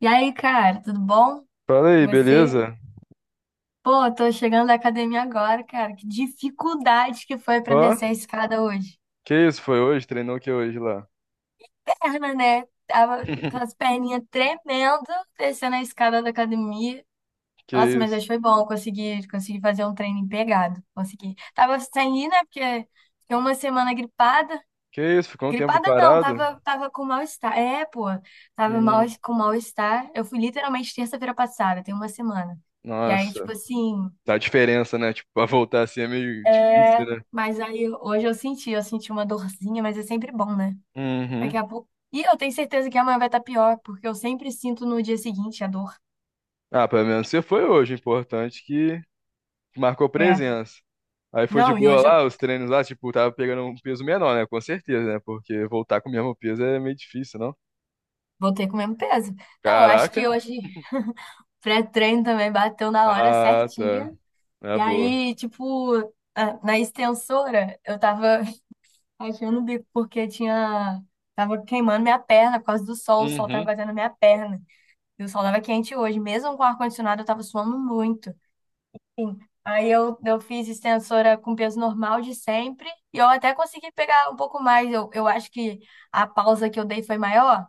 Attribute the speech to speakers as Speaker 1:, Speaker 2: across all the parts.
Speaker 1: E aí, cara, tudo bom?
Speaker 2: Fala aí,
Speaker 1: Você?
Speaker 2: beleza?
Speaker 1: Pô, tô chegando da academia agora, cara. Que dificuldade que foi pra
Speaker 2: Ó,
Speaker 1: descer a escada hoje.
Speaker 2: que isso foi hoje? Treinou o que hoje lá?
Speaker 1: Perna, né? Tava com as perninhas tremendo descendo a escada da academia.
Speaker 2: Que
Speaker 1: Nossa, mas
Speaker 2: isso?
Speaker 1: hoje foi bom. Consegui fazer um treino pegado. Consegui. Tava sem ir, né? Porque fiquei uma semana gripada.
Speaker 2: Que isso? Ficou um tempo
Speaker 1: Gripada não,
Speaker 2: parado?
Speaker 1: tava com mal-estar. É, pô, tava mal,
Speaker 2: Hum,
Speaker 1: com mal-estar. Eu fui literalmente terça-feira passada, tem uma semana. E aí,
Speaker 2: nossa,
Speaker 1: tipo assim.
Speaker 2: tá a diferença, né? Tipo, pra voltar assim é meio difícil,
Speaker 1: É,
Speaker 2: né?
Speaker 1: mas aí hoje eu senti uma dorzinha, mas é sempre bom, né? Daqui
Speaker 2: Uhum.
Speaker 1: a pouco. E eu tenho certeza que amanhã vai estar pior, porque eu sempre sinto no dia seguinte a dor.
Speaker 2: Ah, pelo menos você foi hoje, importante que marcou
Speaker 1: É.
Speaker 2: presença. Aí foi de
Speaker 1: Não, e
Speaker 2: boa
Speaker 1: hoje eu
Speaker 2: lá, os treinos lá, tipo, tava pegando um peso menor, né? Com certeza, né? Porque voltar com o mesmo peso é meio difícil, não?
Speaker 1: voltei com o mesmo peso. Não, eu acho que
Speaker 2: Caraca.
Speaker 1: hoje pré-treino também bateu na hora
Speaker 2: Ah,
Speaker 1: certinha.
Speaker 2: tá. Na
Speaker 1: E
Speaker 2: boa.
Speaker 1: aí, tipo, na extensora, eu tava achando o bico porque tinha. Tava queimando minha perna por causa do sol, o sol tava
Speaker 2: Uhum.
Speaker 1: batendo na minha perna. E o sol tava quente hoje. Mesmo com o ar-condicionado, eu tava suando muito. Aí eu fiz extensora com peso normal de sempre e eu até consegui pegar um pouco mais. Eu acho que a pausa que eu dei foi maior,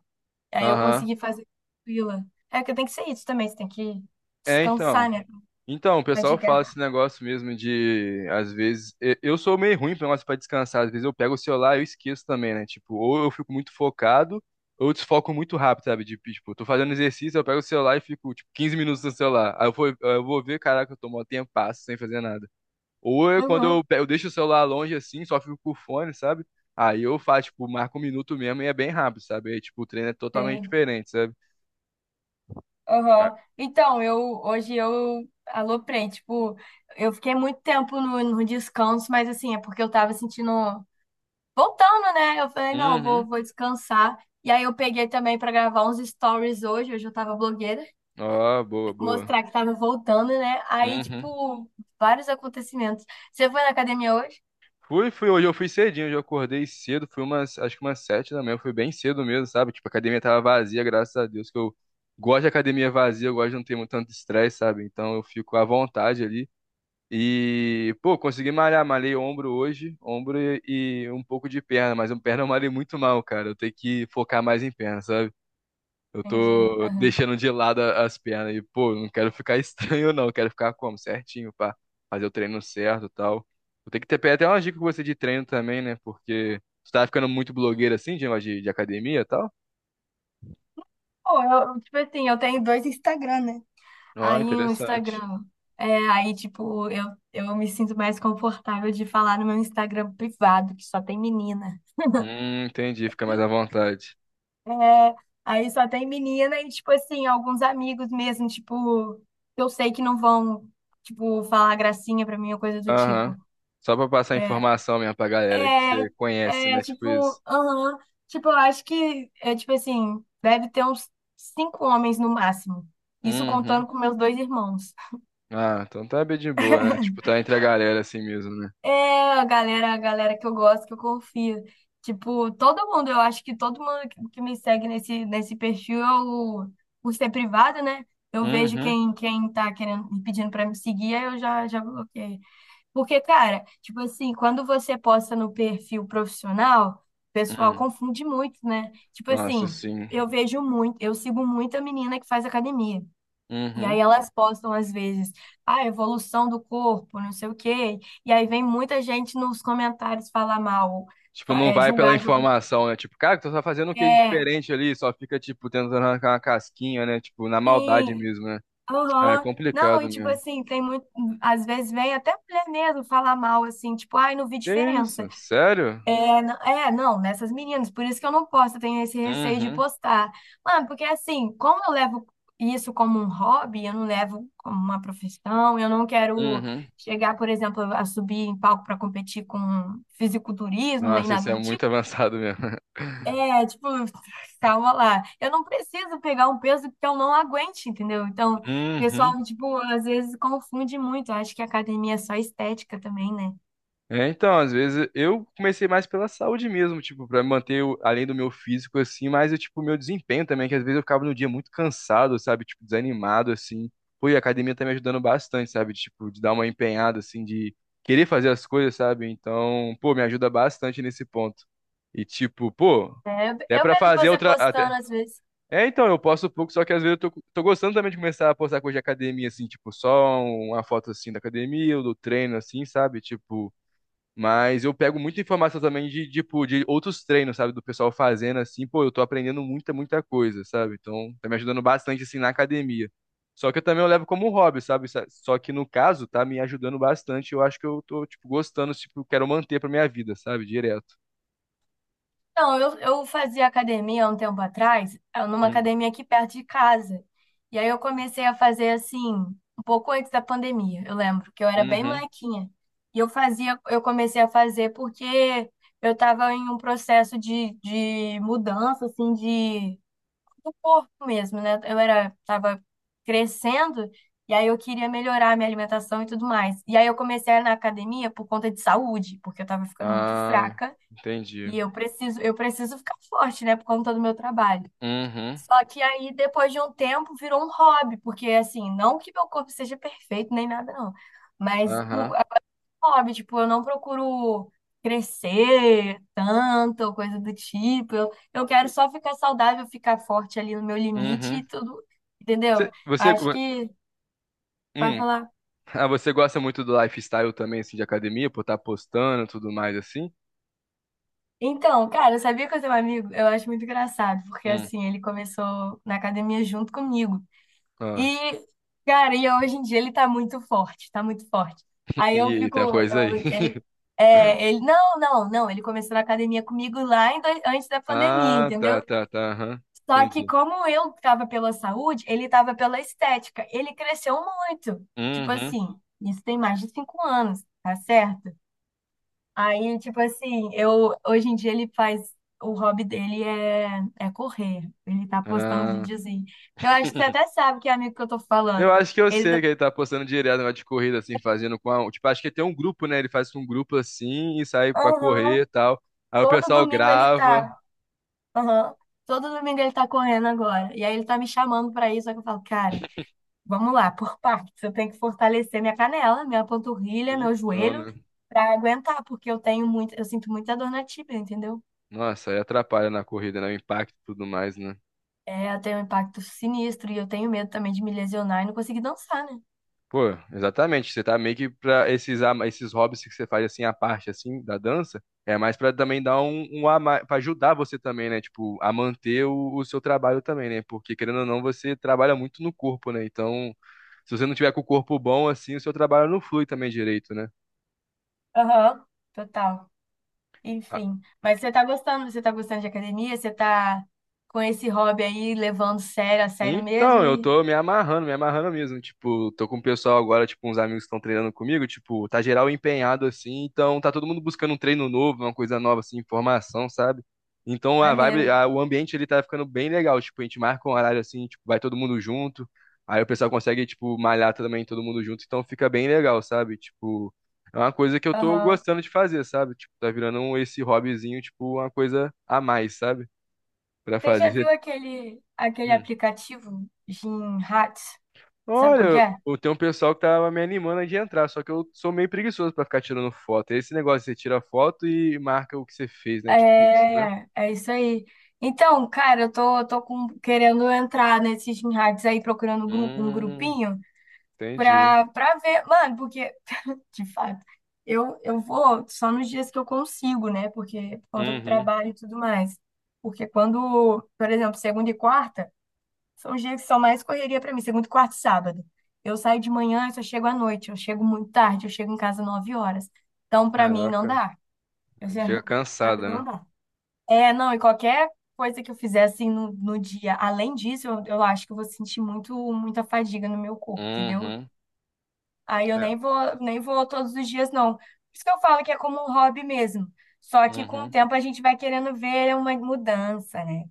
Speaker 1: aí eu
Speaker 2: Aham.
Speaker 1: consegui fazer tranquila. É que tem que ser isso também, você tem que
Speaker 2: É, então.
Speaker 1: descansar, né?
Speaker 2: Então, o pessoal
Speaker 1: Radigar.
Speaker 2: fala esse negócio mesmo de, às vezes, eu sou meio ruim pra negócio para descansar, às vezes eu pego o celular e eu esqueço também, né? Tipo, ou eu fico muito focado, ou eu desfoco muito rápido, sabe? De, tipo, eu tô fazendo exercício, eu pego o celular e fico, tipo, 15 minutos no celular. Aí eu vou ver, caraca, eu tomo um tempo passo sem fazer nada. Ou eu, quando
Speaker 1: Uhum,
Speaker 2: eu, eu deixo o celular longe assim, só fico com o fone, sabe? Aí eu faço, tipo, marco um minuto mesmo e é bem rápido, sabe? Aí, tipo, o treino é totalmente
Speaker 1: sei.
Speaker 2: diferente, sabe? Mas-
Speaker 1: Uhum. Então, eu hoje eu aloprei, tipo, eu fiquei muito tempo no descanso, mas assim, é porque eu tava sentindo voltando, né? Eu falei, não, vou,
Speaker 2: Uhum.
Speaker 1: vou descansar. E aí eu peguei também pra gravar uns stories hoje, hoje eu tava blogueira.
Speaker 2: Ó, boa, boa.
Speaker 1: Mostrar que tava voltando, né? Aí,
Speaker 2: Uhum.
Speaker 1: tipo, vários acontecimentos. Você foi na academia hoje?
Speaker 2: Fui, fui, hoje eu fui cedinho, hoje eu acordei cedo, fui umas, acho que umas 7 da manhã, fui bem cedo mesmo, sabe? Tipo, a academia tava vazia, graças a Deus, que eu gosto de academia vazia, eu gosto de não ter muito tanto estresse, sabe? Então eu fico à vontade ali. E, pô, consegui malhar, malhei ombro hoje, ombro e um pouco de perna, mas um perna eu malhei muito mal, cara. Eu tenho que focar mais em perna, sabe? Eu
Speaker 1: Entendi.
Speaker 2: tô
Speaker 1: Aham.
Speaker 2: deixando de lado as pernas e, pô, não quero ficar estranho, não. Quero ficar como? Certinho, pá. Fazer o treino certo e tal. Vou ter que ter pegar até uma dica com você de treino também, né? Porque você tá ficando muito blogueira assim, de negócio de academia e tal.
Speaker 1: Pô, eu, tipo assim, eu tenho dois Instagram, né?
Speaker 2: Ó,
Speaker 1: Aí o
Speaker 2: interessante.
Speaker 1: Instagram. É, aí, tipo, eu me sinto mais confortável de falar no meu Instagram privado, que só tem menina.
Speaker 2: Entendi. Fica mais à vontade.
Speaker 1: É, aí só tem menina e, tipo assim, alguns amigos mesmo, tipo, que eu sei que não vão, tipo, falar gracinha pra mim ou coisa do tipo.
Speaker 2: Aham. Só pra passar
Speaker 1: É,
Speaker 2: informação mesmo pra galera que
Speaker 1: é,
Speaker 2: você conhece,
Speaker 1: é,
Speaker 2: né? Tipo isso.
Speaker 1: tipo, aham. Tipo, eu acho que, é, tipo assim, deve ter uns cinco homens no máximo. Isso
Speaker 2: Uhum.
Speaker 1: contando com meus dois irmãos.
Speaker 2: Ah, então tá bem de boa, né? Tipo, tá entre a galera assim mesmo, né?
Speaker 1: É, a galera que eu gosto, que eu confio. Tipo, todo mundo, eu acho que todo mundo que me segue nesse perfil, eu, por ser privado, né? Eu vejo
Speaker 2: Uhum.
Speaker 1: quem, quem tá querendo, me pedindo pra me seguir, aí eu já bloqueio. Porque, cara, tipo assim, quando você posta no perfil profissional, o pessoal
Speaker 2: Uhum.
Speaker 1: confunde muito, né? Tipo
Speaker 2: Nossa,
Speaker 1: assim,
Speaker 2: sim.
Speaker 1: eu vejo muito, eu sigo muita menina que faz academia. E
Speaker 2: Uhum.
Speaker 1: aí elas postam às vezes, ah, evolução do corpo, não sei o quê. E aí vem muita gente nos comentários falar mal,
Speaker 2: Tipo, não
Speaker 1: é,
Speaker 2: vai pela
Speaker 1: julgar de algum.
Speaker 2: informação, né? Tipo, cara, tu tá fazendo o que de
Speaker 1: É,
Speaker 2: diferente ali? Só fica, tipo, tentando arrancar uma casquinha, né? Tipo, na maldade
Speaker 1: sim,
Speaker 2: mesmo, né? Ah, é
Speaker 1: aham. Não,
Speaker 2: complicado
Speaker 1: e tipo
Speaker 2: mesmo.
Speaker 1: assim, tem muito. Às vezes vem até mulher mesmo falar mal, assim, tipo, ai, não vi
Speaker 2: Que
Speaker 1: diferença.
Speaker 2: isso? Sério?
Speaker 1: É, não, nessas meninas, por isso que eu não posto, eu tenho esse receio de
Speaker 2: Uhum,
Speaker 1: postar. Mano, porque assim, como eu levo isso como um hobby, eu não levo como uma profissão, eu não quero
Speaker 2: uhum.
Speaker 1: chegar, por exemplo, a subir em palco para competir com fisiculturismo, nem
Speaker 2: Nossa, isso
Speaker 1: nada
Speaker 2: é
Speaker 1: do tipo.
Speaker 2: muito avançado mesmo.
Speaker 1: É, tipo, calma lá. Eu não preciso pegar um peso que eu não aguente, entendeu? Então, o pessoal,
Speaker 2: Uhum.
Speaker 1: tipo, às vezes confunde muito. Eu acho que academia é só estética também, né?
Speaker 2: É, então, às vezes eu comecei mais pela saúde mesmo, tipo, pra manter além do meu físico assim, mas eu, tipo, meu desempenho também, que às vezes eu ficava no dia muito cansado, sabe, tipo, desanimado assim. Pô, e a academia tá me ajudando bastante, sabe, tipo, de dar uma empenhada assim, de querer fazer as coisas, sabe? Então, pô, me ajuda bastante nesse ponto. E tipo, pô,
Speaker 1: É,
Speaker 2: até
Speaker 1: eu
Speaker 2: pra
Speaker 1: vejo
Speaker 2: fazer
Speaker 1: você
Speaker 2: outra até
Speaker 1: postando às vezes.
Speaker 2: É, então, eu posto pouco, só que às vezes eu tô, tô gostando também de começar a postar coisa de academia, assim, tipo, só uma foto, assim, da academia, ou do treino, assim, sabe? Tipo, mas eu pego muita informação também de, tipo, de outros treinos, sabe? Do pessoal fazendo assim, pô, eu tô aprendendo muita, muita coisa, sabe? Então, tá me ajudando bastante, assim, na academia. Só que eu também eu levo como um hobby, sabe? Sa- Só que no caso, tá me ajudando bastante. Eu acho que eu tô, tipo, gostando, tipo, quero manter pra minha vida, sabe? Direto.
Speaker 1: Não, eu fazia academia há um tempo atrás, numa
Speaker 2: Hum,
Speaker 1: academia aqui perto de casa. E aí eu comecei a fazer assim, um pouco antes da pandemia, eu lembro, que eu era bem
Speaker 2: Uhum.
Speaker 1: molequinha. E eu fazia, eu comecei a fazer porque eu estava em um processo de mudança, assim, de, do corpo mesmo, né? Eu era, tava crescendo, e aí eu queria melhorar a minha alimentação e tudo mais. E aí eu comecei a ir na academia por conta de saúde, porque eu estava ficando muito
Speaker 2: Ah,
Speaker 1: fraca.
Speaker 2: entendi.
Speaker 1: E eu preciso ficar forte, né, por conta do meu trabalho.
Speaker 2: Uhum.
Speaker 1: Só que aí, depois de um tempo, virou um hobby, porque assim, não que meu corpo seja perfeito nem nada, não. Mas o-
Speaker 2: Aham.
Speaker 1: é um hobby, tipo, eu não procuro crescer tanto, ou coisa do tipo. Eu quero só ficar saudável, ficar forte ali no meu limite e
Speaker 2: Uhum.
Speaker 1: tudo, entendeu?
Speaker 2: Cê- Você,
Speaker 1: Acho
Speaker 2: go-
Speaker 1: que vai
Speaker 2: hum.
Speaker 1: falar.
Speaker 2: Ah, você gosta muito do lifestyle também, assim, de academia, por estar postando e tudo mais, assim?
Speaker 1: Então, cara, eu sabia que eu tenho um amigo, eu acho muito engraçado, porque
Speaker 2: Hum.
Speaker 1: assim, ele começou na academia junto comigo.
Speaker 2: Ah.
Speaker 1: E, cara, e hoje em dia ele tá muito forte, tá muito forte. Aí eu
Speaker 2: Ih,
Speaker 1: fico,
Speaker 2: tem uma coisa aí.
Speaker 1: ele, é, ele, não, não, não, ele começou na academia comigo lá antes da pandemia,
Speaker 2: Ah, tá,
Speaker 1: entendeu?
Speaker 2: tá, tá. Aham.
Speaker 1: Só que
Speaker 2: Entendi.
Speaker 1: como eu tava pela saúde, ele tava pela estética. Ele cresceu muito, tipo
Speaker 2: Uhum.
Speaker 1: assim, isso tem mais de 5 anos, tá certo? Aí, tipo assim, eu, hoje em dia ele faz, o hobby dele é, é correr. Ele tá postando os
Speaker 2: Ah.
Speaker 1: videozinhos. Eu acho que você até sabe que é amigo que eu tô
Speaker 2: Eu
Speaker 1: falando.
Speaker 2: acho que eu
Speaker 1: Ele,
Speaker 2: sei
Speaker 1: tá
Speaker 2: que ele tá postando direto negócio de corrida, assim, fazendo com a... um, tipo, acho que tem um grupo, né? Ele faz com um grupo assim e sai pra
Speaker 1: aham.
Speaker 2: correr e tal. Aí o
Speaker 1: Todo
Speaker 2: pessoal
Speaker 1: domingo ele
Speaker 2: grava.
Speaker 1: tá. Aham. Todo domingo ele tá correndo agora. E aí ele tá me chamando pra isso. Só que eu falo, cara, vamos lá, por partes. Eu tenho que fortalecer minha canela, minha panturrilha, meu
Speaker 2: Então,
Speaker 1: joelho
Speaker 2: né?
Speaker 1: pra aguentar, porque eu tenho muito, eu sinto muita dor na tíbia, entendeu?
Speaker 2: Nossa, aí atrapalha na corrida, né? O impacto e tudo mais, né?
Speaker 1: É, eu tenho um impacto sinistro e eu tenho medo também de me lesionar e não conseguir dançar, né?
Speaker 2: Pô, exatamente. Você tá meio que pra esses, esses hobbies que você faz assim, a parte assim da dança, é mais pra também dar um, um a mais, pra ajudar você também, né? Tipo, a manter o seu trabalho também, né? Porque querendo ou não, você trabalha muito no corpo, né? Então, se você não tiver com o corpo bom assim, o seu trabalho não flui também direito, né?
Speaker 1: Aham, total. Enfim. Mas você tá gostando? Você tá gostando de academia? Você tá com esse hobby aí levando sério a sério
Speaker 2: Então,
Speaker 1: mesmo
Speaker 2: eu
Speaker 1: e
Speaker 2: tô me amarrando mesmo. Tipo, tô com o pessoal agora, tipo, uns amigos que estão treinando comigo, tipo, tá geral empenhado assim, então tá todo mundo buscando um treino novo, uma coisa nova assim, informação, sabe? Então a vibe,
Speaker 1: maneiro.
Speaker 2: o ambiente ele tá ficando bem legal, tipo, a gente marca um horário assim, tipo, vai todo mundo junto. Aí o pessoal consegue, tipo, malhar também todo mundo junto, então fica bem legal, sabe? Tipo, é uma coisa que eu tô
Speaker 1: Aham.
Speaker 2: gostando de fazer, sabe? Tipo, tá virando esse hobbyzinho, tipo, uma coisa a mais, sabe? Pra
Speaker 1: Você já
Speaker 2: fazer.
Speaker 1: viu aquele, aquele
Speaker 2: Hum.
Speaker 1: aplicativo Gymhats? Sabe
Speaker 2: Olha,
Speaker 1: qual que é?
Speaker 2: eu tenho um pessoal que tava me animando de entrar, só que eu sou meio preguiçoso pra ficar tirando foto. É esse negócio, você tira foto e marca o que você fez, né? Tipo isso, né?
Speaker 1: É, é isso aí. Então, cara, eu tô querendo entrar nesses Gymhats aí, procurando um
Speaker 2: Hum,
Speaker 1: grupinho
Speaker 2: entendi.
Speaker 1: pra ver. Mano, porque, de fato, eu vou só nos dias que eu consigo, né? Porque por conta do
Speaker 2: Uhum.
Speaker 1: trabalho e tudo mais. Porque quando, por exemplo, segunda e quarta. São os dias que são mais correria para mim, segunda, quarta e sábado. Eu saio de manhã, eu só chego à noite, eu chego muito tarde, eu chego em casa 9 horas. Então, para mim, não
Speaker 2: Caraca,
Speaker 1: dá. Eu já-
Speaker 2: chega
Speaker 1: Pra mim,
Speaker 2: cansada,
Speaker 1: não
Speaker 2: né?
Speaker 1: dá. É, não, e qualquer coisa que eu fizer assim no, no dia, além disso, eu acho que eu vou sentir muito, muita fadiga no meu corpo, entendeu?
Speaker 2: Uhum.
Speaker 1: Aí eu
Speaker 2: É.
Speaker 1: nem vou, nem vou todos os dias, não. Por isso que eu falo que é como um hobby mesmo. Só que com o
Speaker 2: Uhum.
Speaker 1: tempo a gente vai querendo ver uma mudança, né?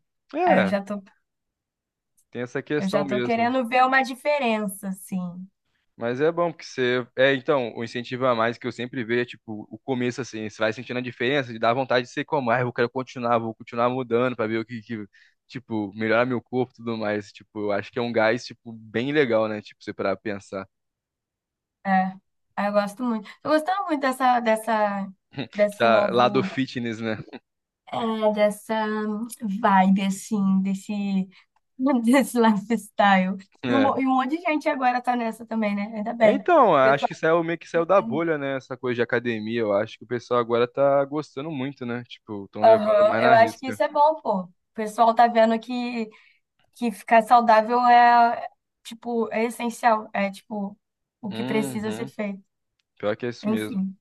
Speaker 1: Aí
Speaker 2: É, tem essa
Speaker 1: eu
Speaker 2: questão
Speaker 1: já tô
Speaker 2: mesmo.
Speaker 1: querendo ver uma diferença, assim.
Speaker 2: Mas é bom, porque você. É, então, o incentivo a mais que eu sempre vejo é, tipo, o começo, assim, você vai sentindo a diferença, de dar vontade de ser como, ah, eu quero continuar, vou continuar mudando pra ver o que, que, tipo, melhorar meu corpo e tudo mais. Tipo, eu acho que é um gás, tipo, bem legal, né? Tipo, você pra pensar.
Speaker 1: É, ah, eu gosto muito. Tô gostando muito desse
Speaker 2: Essa lado
Speaker 1: novo,
Speaker 2: fitness, né?
Speaker 1: dessa vibe, assim, desse, desse lifestyle. E um,
Speaker 2: É.
Speaker 1: e um monte de gente agora tá nessa também, né? Ainda
Speaker 2: É,
Speaker 1: bem.
Speaker 2: então, acho
Speaker 1: Pessoal,
Speaker 2: que saiu meio que saiu da bolha, né? Essa coisa de academia. Eu acho que o pessoal agora tá gostando muito, né? Tipo, estão levando
Speaker 1: aham,
Speaker 2: mais na
Speaker 1: eu acho que
Speaker 2: risca.
Speaker 1: isso é bom, pô. O pessoal tá vendo que ficar saudável é, tipo, é essencial. É, tipo, o que precisa ser
Speaker 2: Uhum.
Speaker 1: feito.
Speaker 2: Pior que é isso mesmo.
Speaker 1: Enfim.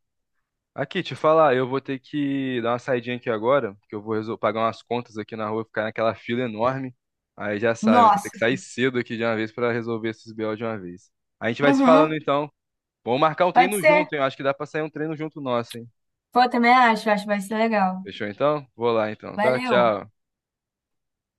Speaker 2: Aqui, te falar, eu vou ter que dar uma saidinha aqui agora, que eu vou pagar umas contas aqui na rua, ficar naquela fila enorme. Aí já sabe, né? Tem que
Speaker 1: Nossa.
Speaker 2: sair cedo aqui de uma vez pra resolver esses BO de uma vez. A gente vai se
Speaker 1: Uhum,
Speaker 2: falando então. Vamos marcar um
Speaker 1: pode
Speaker 2: treino
Speaker 1: ser.
Speaker 2: junto, hein? Eu acho que dá pra sair um treino junto nosso, hein?
Speaker 1: Pô, eu também acho, acho que vai ser legal.
Speaker 2: Fechou então? Vou lá então, tá?
Speaker 1: Valeu!
Speaker 2: Tchau.